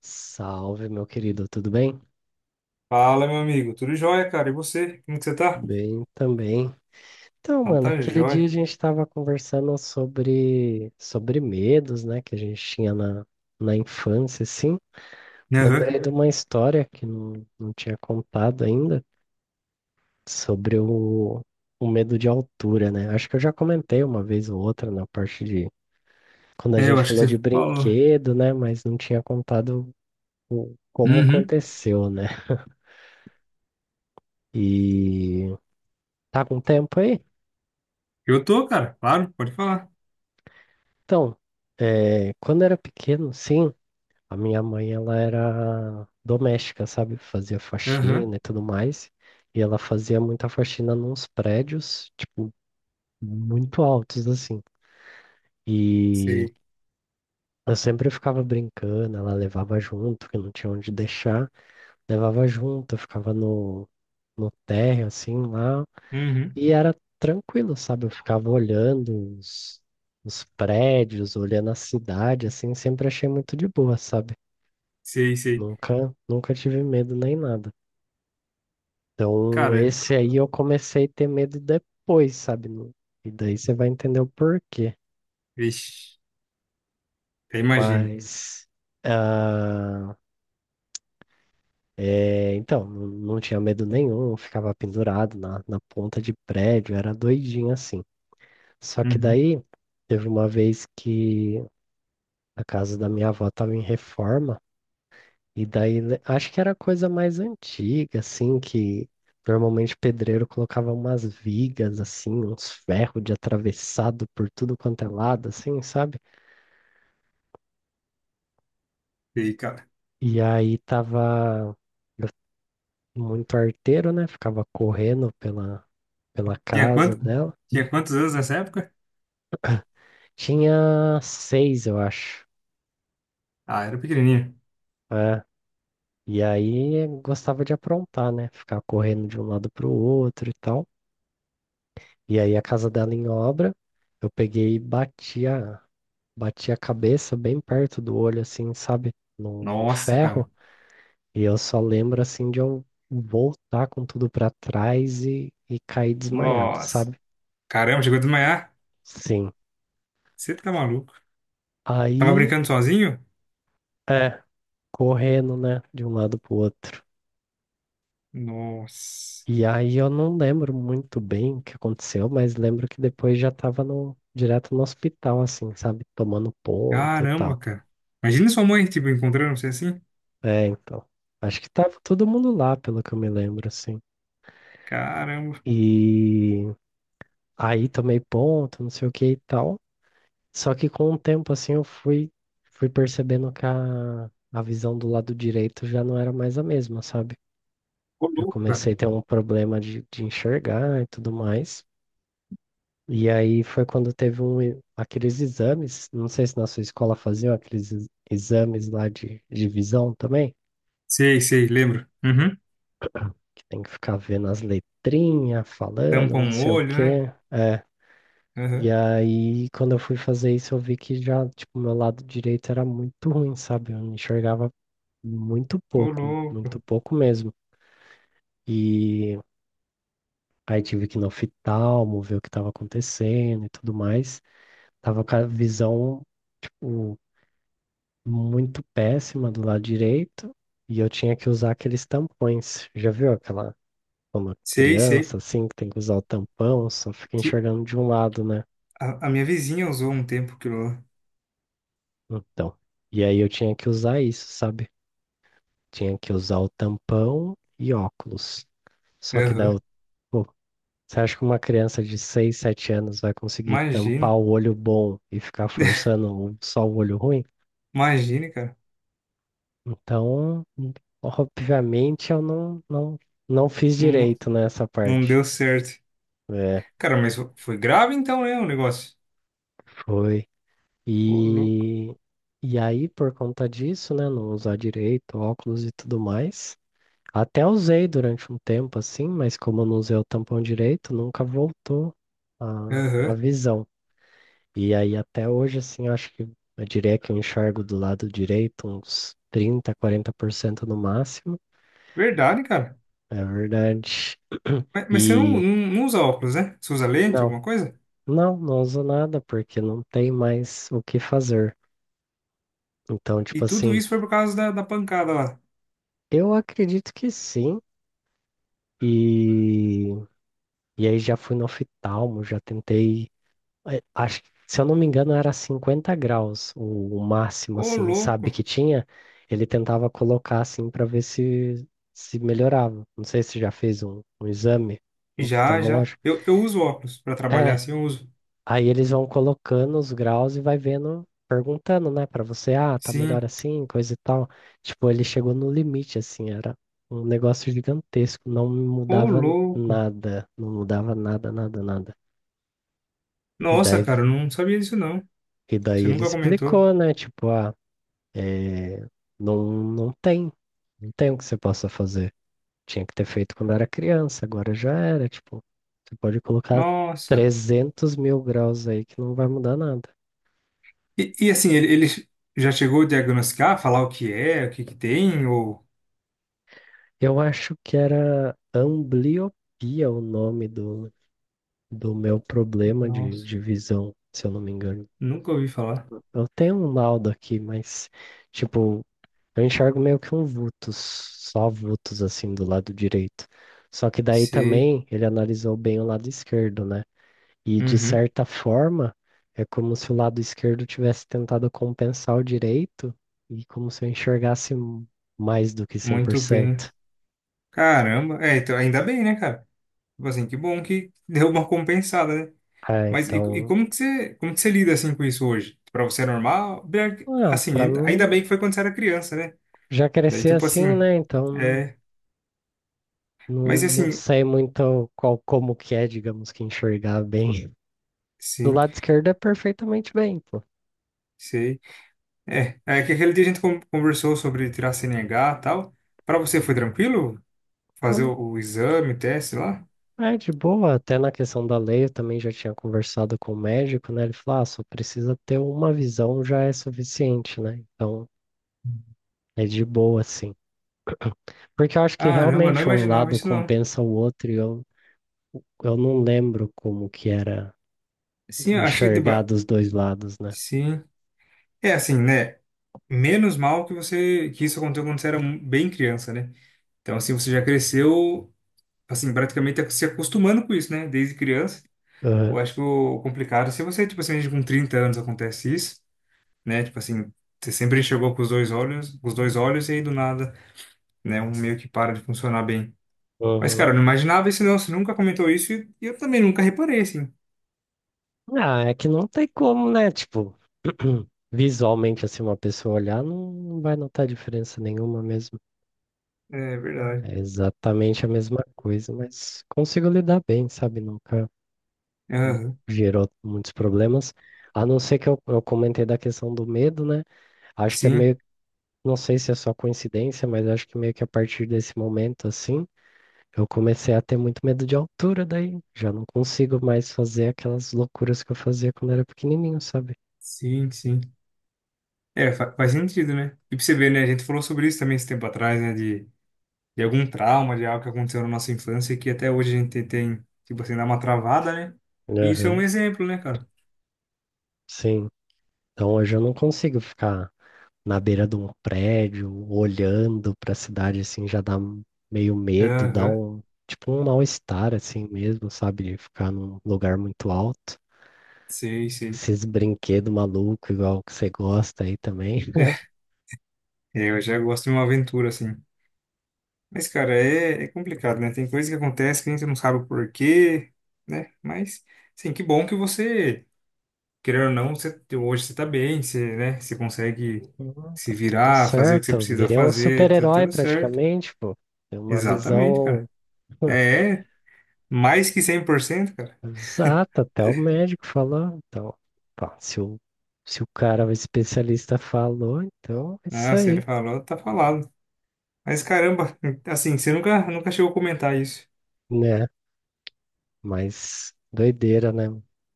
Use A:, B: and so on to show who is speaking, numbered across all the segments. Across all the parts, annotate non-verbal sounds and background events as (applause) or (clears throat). A: Salve, meu querido, tudo bem?
B: Fala, meu amigo. Tudo jóia, cara? E você? Como que você tá?
A: Bem também. Então,
B: Então
A: mano,
B: tá
A: aquele dia a
B: jóia.
A: gente tava conversando sobre medos, né, que a gente tinha na infância, assim.
B: Aham.
A: Lembrei de uma história que não tinha contado ainda sobre o medo de altura, né? Acho que eu já comentei uma vez ou outra na parte de quando a
B: É, eu
A: gente
B: acho que
A: falou de
B: você falou.
A: brinquedo, né, mas não tinha contado como
B: Uhum.
A: aconteceu, né? E tá com tempo aí?
B: Eu tô, cara. Claro, pode falar.
A: Então, quando era pequeno, sim, a minha mãe ela era doméstica, sabe? Fazia
B: Aham.
A: faxina e tudo mais. E ela fazia muita faxina nos prédios, tipo, muito altos, assim. E
B: Sei.
A: eu sempre ficava brincando, ela levava junto, que não tinha onde deixar, levava junto, eu ficava no térreo, assim, lá.
B: Uhum.
A: E era tranquilo, sabe? Eu ficava olhando os prédios, olhando a cidade, assim, sempre achei muito de boa, sabe?
B: Sei, sei.
A: Nunca, nunca tive medo nem nada. Então,
B: Cara,
A: esse aí eu comecei a ter medo depois, sabe? E daí você vai entender o porquê.
B: vixe. Eu imagino.
A: Mas, ah, então, não tinha medo nenhum, eu ficava pendurado na ponta de prédio, era doidinho assim. Só que
B: Uhum.
A: daí, teve uma vez que a casa da minha avó estava em reforma, e daí acho que era coisa mais antiga, assim, que normalmente o pedreiro colocava umas vigas, assim, uns ferros de atravessado por tudo quanto é lado, assim, sabe?
B: Sei, cara.
A: E aí tava eu- muito arteiro, né? Ficava correndo pela
B: Tinha
A: casa
B: quanto?
A: dela.
B: Tinha quantos anos nessa época?
A: Tinha 6, eu acho.
B: Ah, era pequenininha.
A: É. E aí gostava de aprontar, né? Ficar correndo de um lado pro outro e tal. E aí a casa dela em obra, eu peguei e bati a cabeça bem perto do olho, assim, sabe? No
B: Nossa,
A: ferro.
B: cara.
A: E eu só lembro, assim, de eu voltar com tudo pra trás e cair desmaiado,
B: Nossa.
A: sabe?
B: Caramba, chegou a desmaiar.
A: Sim.
B: Você tá maluco. Tava
A: Aí,
B: brincando sozinho?
A: é, correndo, né, de um lado pro outro.
B: Nossa.
A: E aí eu não lembro muito bem o que aconteceu, mas lembro que depois já tava no, direto no hospital, assim, sabe? Tomando ponto e tal.
B: Caramba, cara. Imagina sua mãe, tipo, encontrando você assim.
A: É, então. Acho que tava todo mundo lá, pelo que eu me lembro, assim.
B: Caramba.
A: E aí tomei ponto, não sei o que e tal. Só que com o tempo, assim, fui percebendo que a visão do lado direito já não era mais a mesma, sabe?
B: Ô,
A: Eu
B: louco,
A: comecei
B: cara.
A: a ter um problema de enxergar e tudo mais. E aí foi quando teve um, aqueles exames, não sei se na sua escola faziam aqueles exames lá de visão também.
B: Sei, sei, lembro. Uhum.
A: Tem que ficar vendo as letrinhas, falando,
B: Tampa
A: não
B: um
A: sei o
B: olho, né?
A: quê. É. E
B: Uhum.
A: aí, quando eu fui fazer isso, eu vi que já, tipo, meu lado direito era muito ruim, sabe? Eu enxergava
B: Ô,
A: muito
B: louco.
A: pouco mesmo. E aí tive que ir no oftalmo, ver o que estava acontecendo e tudo mais. Tava com a visão, tipo, muito péssima do lado direito. E eu tinha que usar aqueles tampões. Já viu aquela, quando
B: Sei, sei.
A: criança, assim, que tem que usar o tampão, só fica
B: Que
A: enxergando de um lado, né?
B: a, minha vizinha usou um tempo aquilo lá.
A: Então, e aí eu tinha que usar isso, sabe? Tinha que usar o tampão e óculos. Só que daí
B: Uhum.
A: eu, pô, você acha que uma criança de 6 7 anos vai conseguir tampar
B: Imagine.
A: o olho bom e ficar forçando só o olho ruim?
B: Imagine, cara.
A: Então, obviamente eu não, não fiz
B: Não,
A: direito nessa
B: não
A: parte.
B: deu certo.
A: É,
B: Cara, mas foi grave então, né, o negócio?
A: foi.
B: Ô, louco.
A: E, e aí, por conta disso, né, não usar direito, óculos e tudo mais, até usei durante um tempo assim, mas como eu não usei o tampão direito, nunca voltou a
B: Uhum.
A: visão. E aí, até hoje, assim, eu acho que eu diria que eu enxergo do lado direito uns 30 40% no máximo,
B: Verdade, cara.
A: é verdade.
B: Mas, mas você não, não,
A: E
B: não usa óculos, né? Você usa lente,
A: não,
B: alguma coisa?
A: não uso nada porque não tem mais o que fazer. Então,
B: E
A: tipo
B: tudo
A: assim.
B: isso foi por causa da, pancada lá.
A: Eu acredito que sim. E, e aí já fui no oftalmo, já tentei. Acho que, se eu não me engano, era 50 graus o máximo,
B: Ô,
A: assim,
B: louco.
A: sabe, que tinha. Ele tentava colocar assim para ver se se melhorava. Não sei se já fez um exame
B: Já, já.
A: oftalmológico.
B: Eu uso óculos pra trabalhar
A: É,
B: assim, eu uso.
A: aí eles vão colocando os graus e vai vendo, perguntando, né, pra você, ah, tá melhor
B: Sim.
A: assim, coisa e tal. Tipo, ele chegou no limite, assim, era um negócio gigantesco, não
B: Ô,
A: mudava
B: louco.
A: nada, não mudava nada, nada, nada. E
B: Nossa,
A: daí,
B: cara, eu não sabia disso não.
A: e
B: Você
A: daí ele
B: nunca comentou.
A: explicou, né, tipo, ah, é, não tem, não tem o que você possa fazer. Tinha que ter feito quando era criança, agora já era, tipo, você pode colocar
B: Nossa.
A: 300 mil graus aí que não vai mudar nada.
B: E, assim, ele já chegou a diagnosticar, falar o que é, o que que tem, ou...
A: Eu acho que era ambliopia o nome do meu problema
B: Nossa,
A: de visão, se eu não me engano.
B: nunca ouvi falar.
A: Eu tenho um laudo aqui, mas, tipo, eu enxergo meio que um vultus, só vultus assim do lado direito. Só que daí
B: Sei.
A: também ele analisou bem o lado esquerdo, né? E de
B: Uhum.
A: certa forma, é como se o lado esquerdo tivesse tentado compensar o direito e como se eu enxergasse mais do que
B: Muito bem.
A: 100%.
B: Caramba. É, então, ainda bem, né, cara? Tipo assim, que bom que deu uma compensada, né?
A: Ah,
B: Mas e
A: então.
B: como que você lida, assim, com isso hoje? Pra você é normal? Bem, que-
A: Ah,
B: Assim,
A: pra
B: ainda
A: mim
B: bem que foi quando você era criança, né?
A: já
B: Daí,
A: cresci
B: tipo
A: assim,
B: assim...
A: né? Então
B: É... Mas,
A: não
B: assim...
A: sei muito qual como que é, digamos que enxergar bem. Do
B: Sim.
A: lado esquerdo é perfeitamente bem, pô.
B: Sei. É, é que aquele dia a gente con- conversou sobre tirar CNH e tal. Pra você foi tranquilo fazer
A: Então,
B: o exame, o teste lá?
A: é é de boa, até na questão da lei eu também já tinha conversado com o médico, né? Ele falou, ah, só precisa ter uma visão já é suficiente, né? Então é de boa, assim. Porque eu acho que
B: Caramba, não
A: realmente um
B: imaginava
A: lado
B: isso não.
A: compensa o outro e eu não lembro como que era
B: Sim, eu acho que
A: enxergar
B: deba...
A: dos dois lados, né?
B: Sim. É assim, né? Menos mal que você que isso aconteceu quando você era mu- bem criança, né? Então assim, você já cresceu assim, praticamente tá se acostumando com isso, né? Desde criança.
A: Aham.
B: Eu acho que o complicado, é se você, tipo assim, com 30 anos acontece isso, né? Tipo assim, você sempre enxergou com os dois olhos, com os dois olhos e aí do nada né? Um meio que para de funcionar bem. Mas,
A: Aham.
B: cara, eu não imaginava isso, não. Você nunca comentou isso e eu também nunca reparei, assim.
A: Ah, é que não tem como, né? Tipo, (clears throat) visualmente, assim, uma pessoa olhar não vai notar diferença nenhuma mesmo.
B: É verdade.
A: É exatamente a mesma coisa, mas consigo lidar bem, sabe? Nunca
B: Aham.
A: gerou muitos problemas. A não ser que eu comentei da questão do medo, né? Acho que é
B: Sim,
A: meio, não sei se é só coincidência, mas acho que meio que a partir desse momento, assim, eu comecei a ter muito medo de altura, daí já não consigo mais fazer aquelas loucuras que eu fazia quando era pequenininho, sabe?
B: sim, sim. É, fa- faz sentido, né? E pra você ver, né? A gente falou sobre isso também esse tempo atrás, né? De algum trauma, de algo que aconteceu na nossa infância e que até hoje a gente tem, tipo assim, dá uma travada, né? E isso é um
A: Aham,
B: exemplo, né, cara?
A: sim. Então hoje eu não consigo ficar na beira de um prédio, olhando para a cidade assim, meio medo, dá
B: Aham.
A: um tipo um mal-estar assim mesmo, sabe? Ficar num lugar muito alto.
B: Sei, sei.
A: Esses brinquedos malucos, igual que você gosta aí também. (laughs)
B: É, eu já gosto de uma aventura, assim. Mas, cara, é, é complicado, né? Tem coisa que acontece que a gente não sabe o porquê, né? Mas, sim, que bom que você, querendo ou não, você, hoje você tá bem, você, né? Você consegue
A: Não, tá
B: se
A: tudo
B: virar, fazer o que você
A: certo. Eu
B: precisa
A: virei um
B: fazer, tá
A: super-herói
B: tudo certo.
A: praticamente, pô. Tem uma
B: Exatamente, cara.
A: visão (laughs)
B: É, mais que 100% cara.
A: exata, até o médico falou. Então, pá, se o cara, o especialista falou, então é isso
B: Ah, se
A: aí.
B: ele falou, tá falado. Mas, caramba, assim, você nunca, nunca chegou a comentar isso.
A: Né? Mas doideira, né?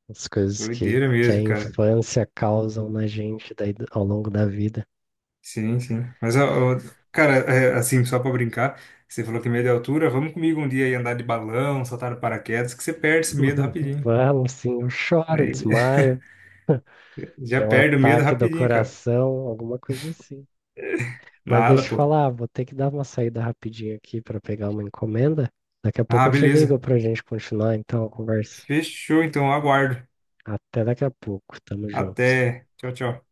A: As coisas
B: Doideira
A: que a
B: mesmo, cara.
A: infância causam na gente daí ao longo da vida.
B: Sim, sim. Mas, ó, ó, cara, é, assim, só pra brincar, você falou que medo é altura, vamos comigo um dia aí andar de balão, saltar no paraquedas, que você perde esse medo
A: (laughs)
B: rapidinho.
A: Vamos, sim, eu choro,
B: Aí (laughs)
A: desmaio,
B: já
A: tem um
B: perde o medo
A: ataque do
B: rapidinho, cara.
A: coração, alguma coisa assim. Mas deixa
B: Nada,
A: eu
B: pô.
A: falar, vou ter que dar uma saída rapidinho aqui para pegar uma encomenda. Daqui a pouco
B: Ah,
A: eu te ligo
B: beleza.
A: para a gente continuar então a conversa.
B: Fechou, então, aguardo.
A: Até daqui a pouco, tamo junto.
B: Até. Tchau, tchau.